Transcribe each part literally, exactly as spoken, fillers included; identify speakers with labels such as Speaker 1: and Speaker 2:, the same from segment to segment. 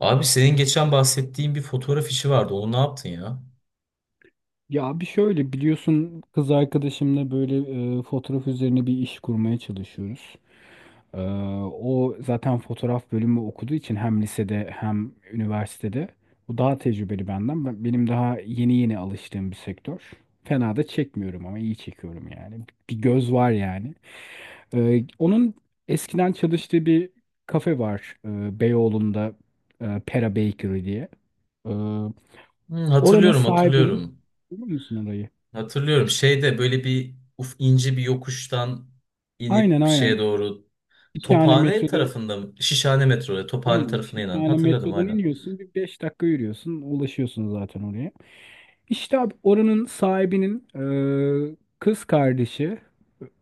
Speaker 1: Abi senin geçen bahsettiğin bir fotoğraf işi vardı. Onu ne yaptın ya?
Speaker 2: Ya bir şöyle biliyorsun kız arkadaşımla böyle e, fotoğraf üzerine bir iş kurmaya çalışıyoruz. E, O zaten fotoğraf bölümü okuduğu için hem lisede hem üniversitede. O daha tecrübeli benden. Ben- Benim daha yeni yeni alıştığım bir sektör. Fena da çekmiyorum ama iyi çekiyorum yani. Bir göz var yani. E, onun eskiden çalıştığı bir kafe var, e, Beyoğlu'nda, e, Pera Bakery diye. E, oranın
Speaker 1: Hmm, hatırlıyorum,
Speaker 2: sahibinin...
Speaker 1: hatırlıyorum.
Speaker 2: Biliyor musun orayı?
Speaker 1: Hatırlıyorum. Şeyde böyle bir uf ince bir yokuştan
Speaker 2: Aynen,
Speaker 1: inip
Speaker 2: aynen.
Speaker 1: şeye doğru
Speaker 2: Şişhane
Speaker 1: Tophane
Speaker 2: metroda,
Speaker 1: tarafında mı? Şişhane metroya Tophane
Speaker 2: aynen.
Speaker 1: tarafına inen.
Speaker 2: Şişhane
Speaker 1: Hatırladım
Speaker 2: metrodan
Speaker 1: aynen.
Speaker 2: iniyorsun. Bir beş dakika yürüyorsun. Ulaşıyorsun zaten oraya. İşte abi, oranın sahibinin e, kız kardeşi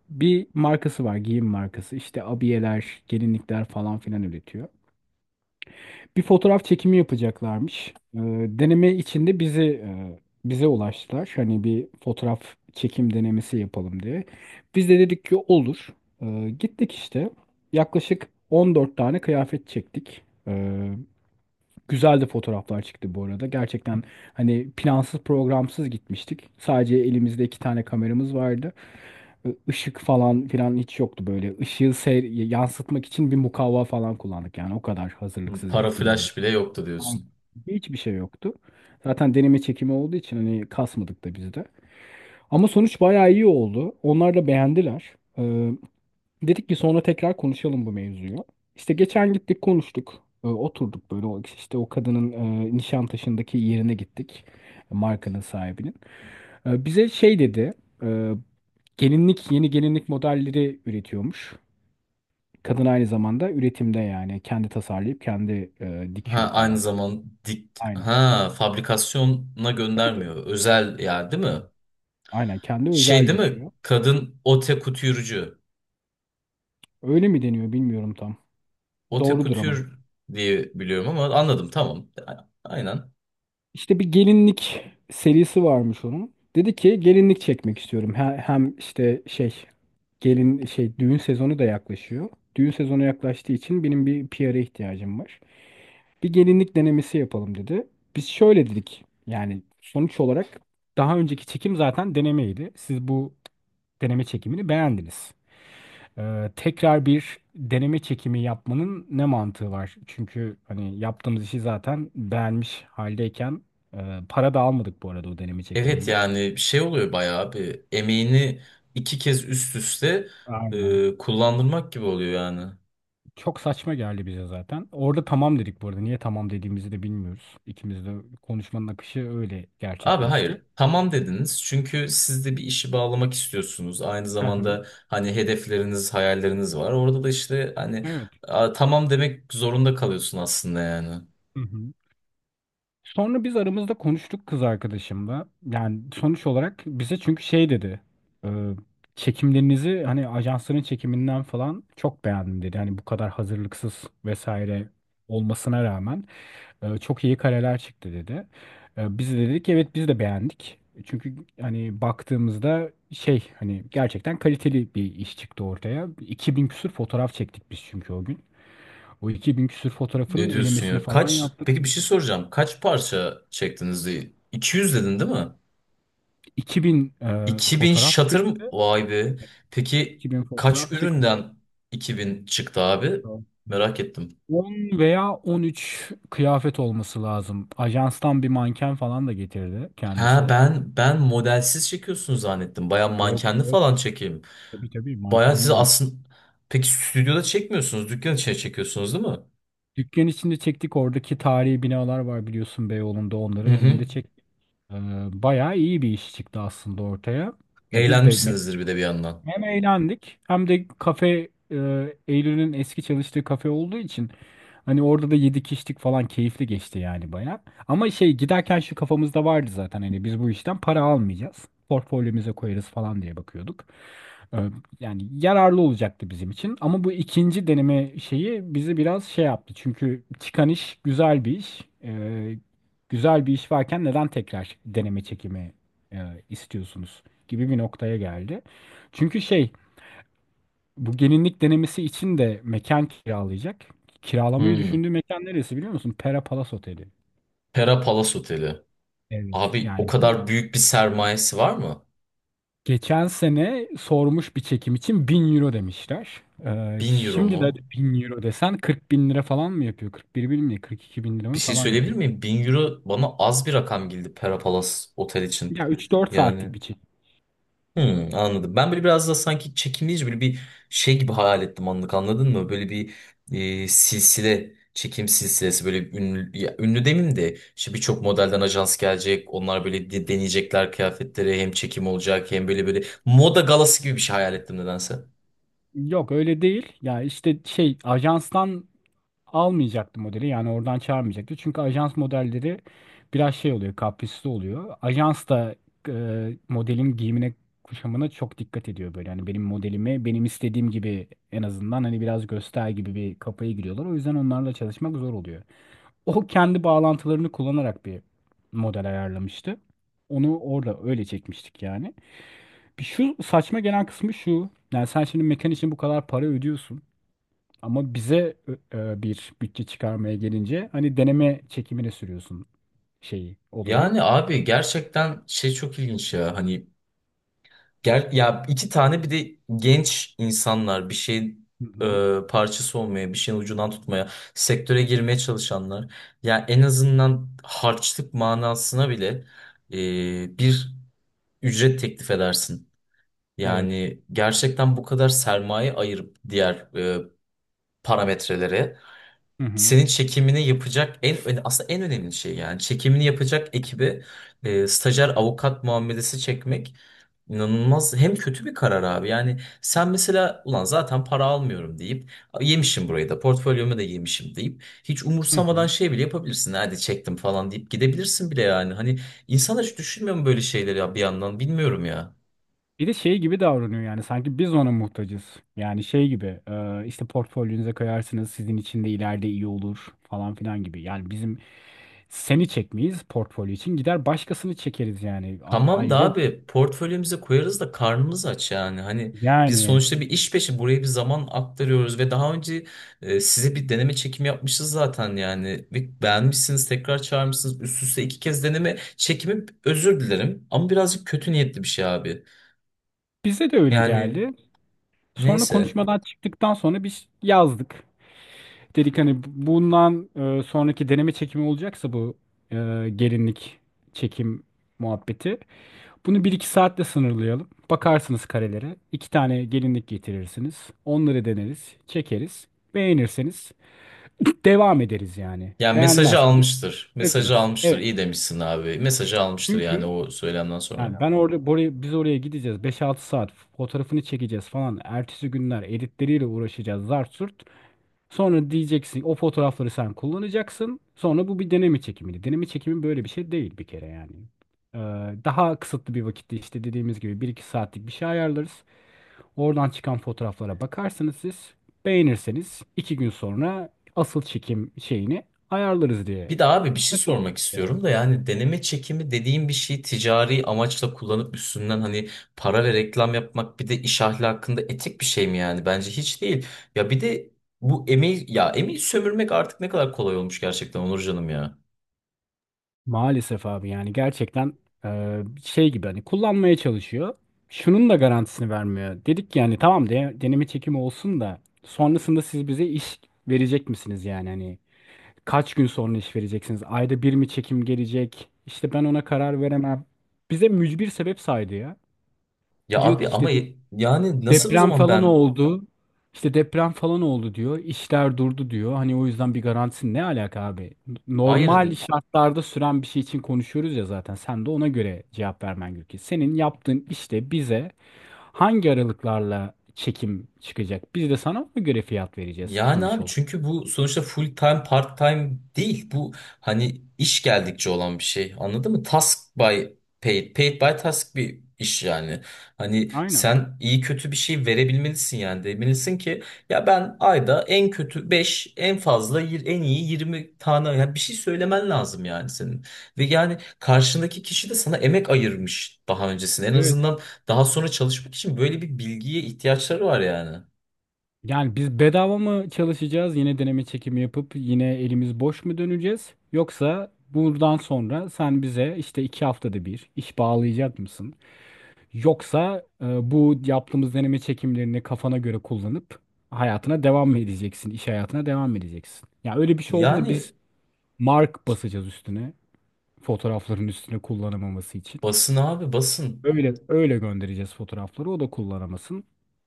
Speaker 2: bir markası var. Giyim markası. İşte abiyeler, gelinlikler falan filan üretiyor. Bir fotoğraf çekimi yapacaklarmış. Ee, deneme içinde bizi e, bize ulaştılar. Hani bir fotoğraf çekim denemesi yapalım diye. Biz de dedik ki olur. Ee, gittik işte. Yaklaşık on dört tane kıyafet çektik. Ee, Güzel de fotoğraflar çıktı bu arada. Gerçekten hani plansız programsız gitmiştik. Sadece elimizde iki tane kameramız vardı. Ee, Işık falan filan hiç yoktu böyle. Işığı seyr- yansıtmak için bir mukavva falan kullandık. Yani o kadar
Speaker 1: Hmm,
Speaker 2: hazırlıksız
Speaker 1: para
Speaker 2: gittiğimiz...
Speaker 1: flash bile yoktu
Speaker 2: Tamam.
Speaker 1: diyorsun.
Speaker 2: Hiçbir şey yoktu. Zaten deneme çekimi olduğu için hani kasmadık da biz de. Ama sonuç bayağı iyi oldu. Onlar da beğendiler. Ee, dedik ki sonra tekrar konuşalım bu mevzuyu. İşte geçen gittik konuştuk. Ee, oturduk böyle, o, işte o kadının e, Nişantaşı'ndaki yerine gittik. Markanın sahibinin. Ee, bize şey dedi. E, gelinlik Yeni gelinlik modelleri üretiyormuş. Kadın aynı zamanda üretimde, yani kendi tasarlayıp kendi e,
Speaker 1: Ha
Speaker 2: dikiyor
Speaker 1: aynı
Speaker 2: falan.
Speaker 1: zaman dik,
Speaker 2: Aynen.
Speaker 1: ha fabrikasyona
Speaker 2: Tabii, tabii.
Speaker 1: göndermiyor. Özel yer değil mi?
Speaker 2: Aynen kendi
Speaker 1: Şey
Speaker 2: özel
Speaker 1: değil mi?
Speaker 2: dikiyor.
Speaker 1: Kadın ote kutürcü.
Speaker 2: Öyle mi deniyor bilmiyorum tam.
Speaker 1: Ote
Speaker 2: Doğrudur ama.
Speaker 1: kutür diye biliyorum ama anladım tamam. A- Aynen.
Speaker 2: İşte bir gelinlik serisi varmış onun. Dedi ki gelinlik çekmek istiyorum. He- Hem işte şey, gelin şey düğün sezonu da yaklaşıyor. Düğün sezonu yaklaştığı için benim bir P R'a ihtiyacım var. Bir gelinlik denemesi yapalım dedi. Biz şöyle dedik. Yani sonuç olarak daha önceki çekim zaten denemeydi. Siz bu deneme çekimini beğendiniz. Ee, tekrar bir deneme çekimi yapmanın ne mantığı var? Çünkü hani yaptığımız işi zaten beğenmiş haldeyken, e, para da almadık bu arada o deneme
Speaker 1: Evet
Speaker 2: çekiminden.
Speaker 1: yani şey oluyor, bayağı bir emeğini iki kez üst üste
Speaker 2: Aynen.
Speaker 1: e, kullandırmak gibi oluyor yani.
Speaker 2: Çok saçma geldi bize zaten. Orada tamam dedik bu arada. Niye tamam dediğimizi de bilmiyoruz. İkimiz de konuşmanın akışı öyle
Speaker 1: Abi
Speaker 2: gerçekleşti.
Speaker 1: hayır tamam dediniz, çünkü siz de bir işi bağlamak istiyorsunuz. Aynı
Speaker 2: Hı hı.
Speaker 1: zamanda hani hedefleriniz, hayalleriniz var. Orada da işte hani
Speaker 2: Evet.
Speaker 1: a, tamam demek zorunda kalıyorsun aslında yani.
Speaker 2: Hı hı. Sonra biz aramızda konuştuk kız arkadaşımla. Yani sonuç olarak bize çünkü şey dedi. e, Çekimlerinizi hani ajansların çekiminden falan çok beğendim dedi. Hani bu kadar hazırlıksız vesaire olmasına rağmen e, çok iyi kareler çıktı dedi. E, biz de dedik evet, biz de beğendik. Çünkü hani baktığımızda şey, hani gerçekten kaliteli bir iş çıktı ortaya. iki bin küsür fotoğraf çektik biz çünkü o gün. O iki bin küsür fotoğrafın
Speaker 1: Ne diyorsun
Speaker 2: elemesini
Speaker 1: ya?
Speaker 2: falan
Speaker 1: Kaç,
Speaker 2: yaptık.
Speaker 1: peki bir şey soracağım. Kaç parça çektiniz? iki yüz dedin değil mi?
Speaker 2: iki bin e,
Speaker 1: iki bin
Speaker 2: fotoğraf
Speaker 1: şatır mı?
Speaker 2: çıktı.
Speaker 1: Vay be. Peki
Speaker 2: iki bin
Speaker 1: kaç
Speaker 2: fotoğraf çıktı.
Speaker 1: üründen iki bin çıktı abi? Merak ettim.
Speaker 2: on veya on üç kıyafet olması lazım. Ajanstan bir manken falan da getirdi
Speaker 1: Ha,
Speaker 2: kendisi.
Speaker 1: ben ben modelsiz çekiyorsun zannettim. Baya
Speaker 2: Yok,
Speaker 1: mankenli
Speaker 2: yok.
Speaker 1: falan çekeyim.
Speaker 2: Tabii, tabii,
Speaker 1: Baya siz
Speaker 2: mankenli bir.
Speaker 1: aslında peki stüdyoda çekmiyorsunuz. Dükkan içine çekiyorsunuz değil mi?
Speaker 2: Dükkan içinde çektik. Oradaki tarihi binalar var biliyorsun, Beyoğlu'nda.
Speaker 1: Hı
Speaker 2: Onların önünde
Speaker 1: hı.
Speaker 2: çektik. Ee, bayağı iyi bir iş çıktı aslında ortaya. Ya, biz de
Speaker 1: Eğlenmişsinizdir bir de bir yandan.
Speaker 2: hem eğlendik, hem de kafe e, Eylül'ün eski çalıştığı kafe olduğu için hani orada da yedik içtik falan, keyifli geçti yani bayağı. Ama şey giderken şu kafamızda vardı zaten, hani biz bu işten para almayacağız. Portfolyomuza koyarız falan diye bakıyorduk. E, Yani yararlı olacaktı bizim için. Ama bu ikinci deneme şeyi bizi biraz şey yaptı. Çünkü çıkan iş güzel bir iş. E, güzel bir iş varken neden tekrar deneme çekimi e, istiyorsunuz gibi bir noktaya geldi. Çünkü şey, bu gelinlik denemesi için de mekan kiralayacak. Kiralamayı
Speaker 1: Hı.
Speaker 2: düşündüğü mekan neresi biliyor musun? Pera Palace Oteli.
Speaker 1: Pera Palace Oteli.
Speaker 2: Evet.
Speaker 1: Abi o
Speaker 2: Yani bir-
Speaker 1: kadar büyük bir sermayesi var mı?
Speaker 2: geçen sene sormuş, bir çekim için bin euro demişler. Ee,
Speaker 1: Bin euro
Speaker 2: şimdi de
Speaker 1: mu?
Speaker 2: bin euro desen kırk bin lira falan mı yapıyor? kırk bir bin mi? kırk iki bin lira
Speaker 1: Bir
Speaker 2: mı
Speaker 1: şey
Speaker 2: falan
Speaker 1: söyleyebilir
Speaker 2: yapıyor.
Speaker 1: miyim? Bin euro bana az bir rakam geldi Pera Palace Otel için.
Speaker 2: Ya, üç dört
Speaker 1: Yani
Speaker 2: saatlik bir çekim.
Speaker 1: hmm, anladım. Ben böyle biraz da sanki çekimleyici böyle bir şey gibi hayal ettim anlık, anladın mı? Böyle bir e, silsile çekim silsilesi böyle ünlü, ya, ünlü demeyeyim de işte birçok modelden ajans gelecek. Onlar böyle de- deneyecekler kıyafetleri, hem çekim olacak hem böyle böyle moda galası gibi bir şey hayal ettim nedense.
Speaker 2: Yok öyle değil. Ya işte şey, ajanstan almayacaktı modeli. Yani oradan çağırmayacaktı. Çünkü ajans modelleri biraz şey oluyor, kaprisli oluyor. Ajans da e, modelin giyimine, kuşamına çok dikkat ediyor böyle. Yani benim modelimi benim istediğim gibi en azından hani biraz göster gibi bir kafaya giriyorlar. O yüzden onlarla çalışmak zor oluyor. O kendi bağlantılarını kullanarak bir model ayarlamıştı. Onu orada öyle çekmiştik yani. Bir şu saçma gelen kısmı şu. Yani sen şimdi mekan için bu kadar para ödüyorsun. Ama bize e, bir bütçe çıkarmaya gelince hani deneme çekimine sürüyorsun şeyi, olayı.
Speaker 1: Yani abi gerçekten şey çok ilginç ya, hani gel ya, iki tane bir de genç insanlar bir şey
Speaker 2: Hı hı.
Speaker 1: e, parçası olmaya, bir şeyin ucundan tutmaya, sektöre girmeye çalışanlar. Ya en azından harçlık manasına bile e, bir ücret teklif edersin.
Speaker 2: Evet.
Speaker 1: Yani gerçekten bu kadar sermaye ayırıp diğer e, parametrelere
Speaker 2: Hı hı.
Speaker 1: senin çekimini yapacak en öne- aslında en önemli şey, yani çekimini yapacak ekibi e, stajyer avukat muamelesi çekmek inanılmaz hem kötü bir karar abi. Yani sen mesela, ulan zaten para almıyorum deyip yemişim burayı da portfolyomu da yemişim deyip hiç
Speaker 2: Hı
Speaker 1: umursamadan
Speaker 2: hı.
Speaker 1: şey bile yapabilirsin, hadi çektim falan deyip gidebilirsin bile yani. Hani insan hiç düşünmüyor mu böyle şeyleri ya bir yandan, bilmiyorum ya.
Speaker 2: Bir de şey gibi davranıyor yani, sanki biz ona muhtacız. Yani şey gibi, e, işte portfolyonuza koyarsınız sizin için de ileride iyi olur falan filan gibi. Yani bizim seni çekmeyiz, portfolyo için gider başkasını çekeriz yani. A-
Speaker 1: Tamam da
Speaker 2: ayrıca
Speaker 1: abi, portföyümüze koyarız da karnımız aç yani. Hani biz
Speaker 2: yani
Speaker 1: sonuçta bir iş peşi buraya bir zaman aktarıyoruz ve daha önce e, size bir deneme çekimi yapmışız zaten yani. Ve beğenmişsiniz, tekrar çağırmışsınız, üst üste iki kez deneme çekimi, özür dilerim ama birazcık kötü niyetli bir şey abi.
Speaker 2: bize de öyle
Speaker 1: Yani
Speaker 2: geldi. Sonra
Speaker 1: neyse.
Speaker 2: konuşmadan çıktıktan sonra biz yazdık. Dedik hani bundan e, sonraki deneme çekimi olacaksa, bu e, gelinlik çekim muhabbeti. Bunu bir iki saatle sınırlayalım. Bakarsınız karelere. İki tane gelinlik getirirsiniz. Onları deneriz, çekeriz. Beğenirseniz devam ederiz yani.
Speaker 1: Yani mesajı
Speaker 2: Beğenmezseniz
Speaker 1: almıştır. Mesajı
Speaker 2: bırakırız.
Speaker 1: almıştır.
Speaker 2: Evet.
Speaker 1: İyi demişsin abi. Mesajı almıştır yani
Speaker 2: Çünkü
Speaker 1: o söylemden sonra.
Speaker 2: yani ben orada buraya, biz oraya gideceğiz. Beş altı saat fotoğrafını çekeceğiz falan. Ertesi günler editleriyle uğraşacağız, zart surt. Sonra diyeceksin o fotoğrafları sen kullanacaksın. Sonra bu bir deneme çekimiydi. Deneme çekimi böyle bir şey değil bir kere yani. Ee, Daha kısıtlı bir vakitte, işte dediğimiz gibi, bir iki saatlik bir şey ayarlarız. Oradan çıkan fotoğraflara bakarsınız siz. Beğenirseniz iki gün sonra asıl çekim şeyini ayarlarız diye.
Speaker 1: Bir de abi bir şey sormak
Speaker 2: Mesela.
Speaker 1: istiyorum da, yani deneme çekimi dediğim bir şeyi ticari amaçla kullanıp üstünden hani para ve reklam yapmak bir de iş ahlakında etik bir şey mi yani? Bence hiç değil. Ya bir de bu emeği, ya emeği sömürmek artık ne kadar kolay olmuş gerçekten Onur canım ya.
Speaker 2: Maalesef abi, yani gerçekten e, şey gibi hani kullanmaya çalışıyor. Şunun da garantisini vermiyor. Dedik yani tamam, de, deneme çekimi olsun da sonrasında siz bize iş verecek misiniz yani hani kaç gün sonra iş vereceksiniz? Ayda bir mi çekim gelecek? İşte ben ona karar veremem. Bize mücbir sebep saydı ya.
Speaker 1: Ya
Speaker 2: Diyor
Speaker 1: abi
Speaker 2: ki
Speaker 1: ama
Speaker 2: işte
Speaker 1: yani nasıl o
Speaker 2: deprem
Speaker 1: zaman,
Speaker 2: falan
Speaker 1: ben
Speaker 2: oldu. İşte deprem falan oldu diyor. İşler durdu diyor. Hani o yüzden bir garantisi, ne alaka abi?
Speaker 1: hayır.
Speaker 2: Normal şartlarda süren bir şey için konuşuyoruz ya zaten. Sen de ona göre cevap vermen gerekiyor. Senin yaptığın işte bize hangi aralıklarla çekim çıkacak? Biz de sana ona göre fiyat vereceğiz
Speaker 1: Yani
Speaker 2: sonuç
Speaker 1: abi,
Speaker 2: olarak.
Speaker 1: çünkü bu sonuçta full time part time değil bu, hani iş geldikçe olan bir şey, anladın mı? Task by paid, paid by task bir iş yani. Hani
Speaker 2: Aynen.
Speaker 1: sen iyi kötü bir şey verebilmelisin, yani demelisin ki ya ben ayda en kötü beş en fazla yir- en iyi yirmi tane, yani bir şey söylemen lazım yani senin. Ve yani karşındaki kişi de sana emek ayırmış daha öncesinde, en
Speaker 2: Evet.
Speaker 1: azından daha sonra çalışmak için böyle bir bilgiye ihtiyaçları var yani.
Speaker 2: Yani biz bedava mı çalışacağız? Yine deneme çekimi yapıp yine elimiz boş mu döneceğiz? Yoksa buradan sonra sen bize işte iki haftada bir iş bağlayacak mısın? Yoksa e, bu yaptığımız deneme çekimlerini kafana göre kullanıp hayatına devam mı edeceksin? İş hayatına devam mı edeceksin? Ya öyle bir şey olduğunda
Speaker 1: Yani
Speaker 2: biz mark basacağız üstüne. Fotoğrafların üstüne kullanamaması için.
Speaker 1: basın abi, basın.
Speaker 2: Öyle, öyle göndereceğiz fotoğrafları. O da kullanamasın.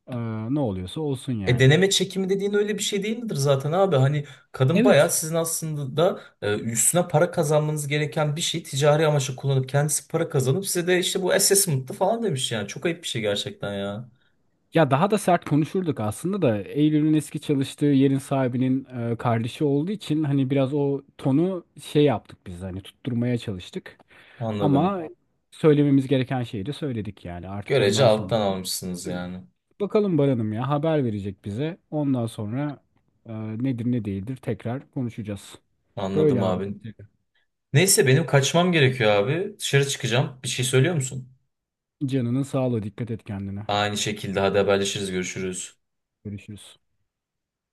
Speaker 2: Ee, Ne oluyorsa olsun
Speaker 1: E,
Speaker 2: yani.
Speaker 1: deneme çekimi dediğin öyle bir şey değil midir zaten abi? Hani kadın bayağı
Speaker 2: Evet.
Speaker 1: sizin aslında da e, üstüne para kazanmanız gereken bir şey ticari amaçla kullanıp kendisi para kazanıp size de işte bu assessment'tı falan demiş yani. Çok ayıp bir şey gerçekten ya.
Speaker 2: Ya daha da sert konuşurduk aslında da Eylül'ün eski çalıştığı yerin sahibinin e, kardeşi olduğu için hani biraz o tonu şey yaptık biz, hani tutturmaya çalıştık.
Speaker 1: Anladım.
Speaker 2: Ama söylememiz gereken şeyi de söyledik yani, artık
Speaker 1: Görece
Speaker 2: bundan sonra.
Speaker 1: alttan almışsınız
Speaker 2: Aynen.
Speaker 1: yani.
Speaker 2: Bakalım, Baran'ım ya haber verecek bize. Ondan sonra e, nedir ne değildir tekrar konuşacağız. Böyle
Speaker 1: Anladım
Speaker 2: abi.
Speaker 1: abi. Neyse, benim kaçmam gerekiyor abi. Dışarı çıkacağım. Bir şey söylüyor musun?
Speaker 2: Canının sağlığı, dikkat et kendine.
Speaker 1: Aynı şekilde, hadi haberleşiriz, görüşürüz.
Speaker 2: Görüşürüz.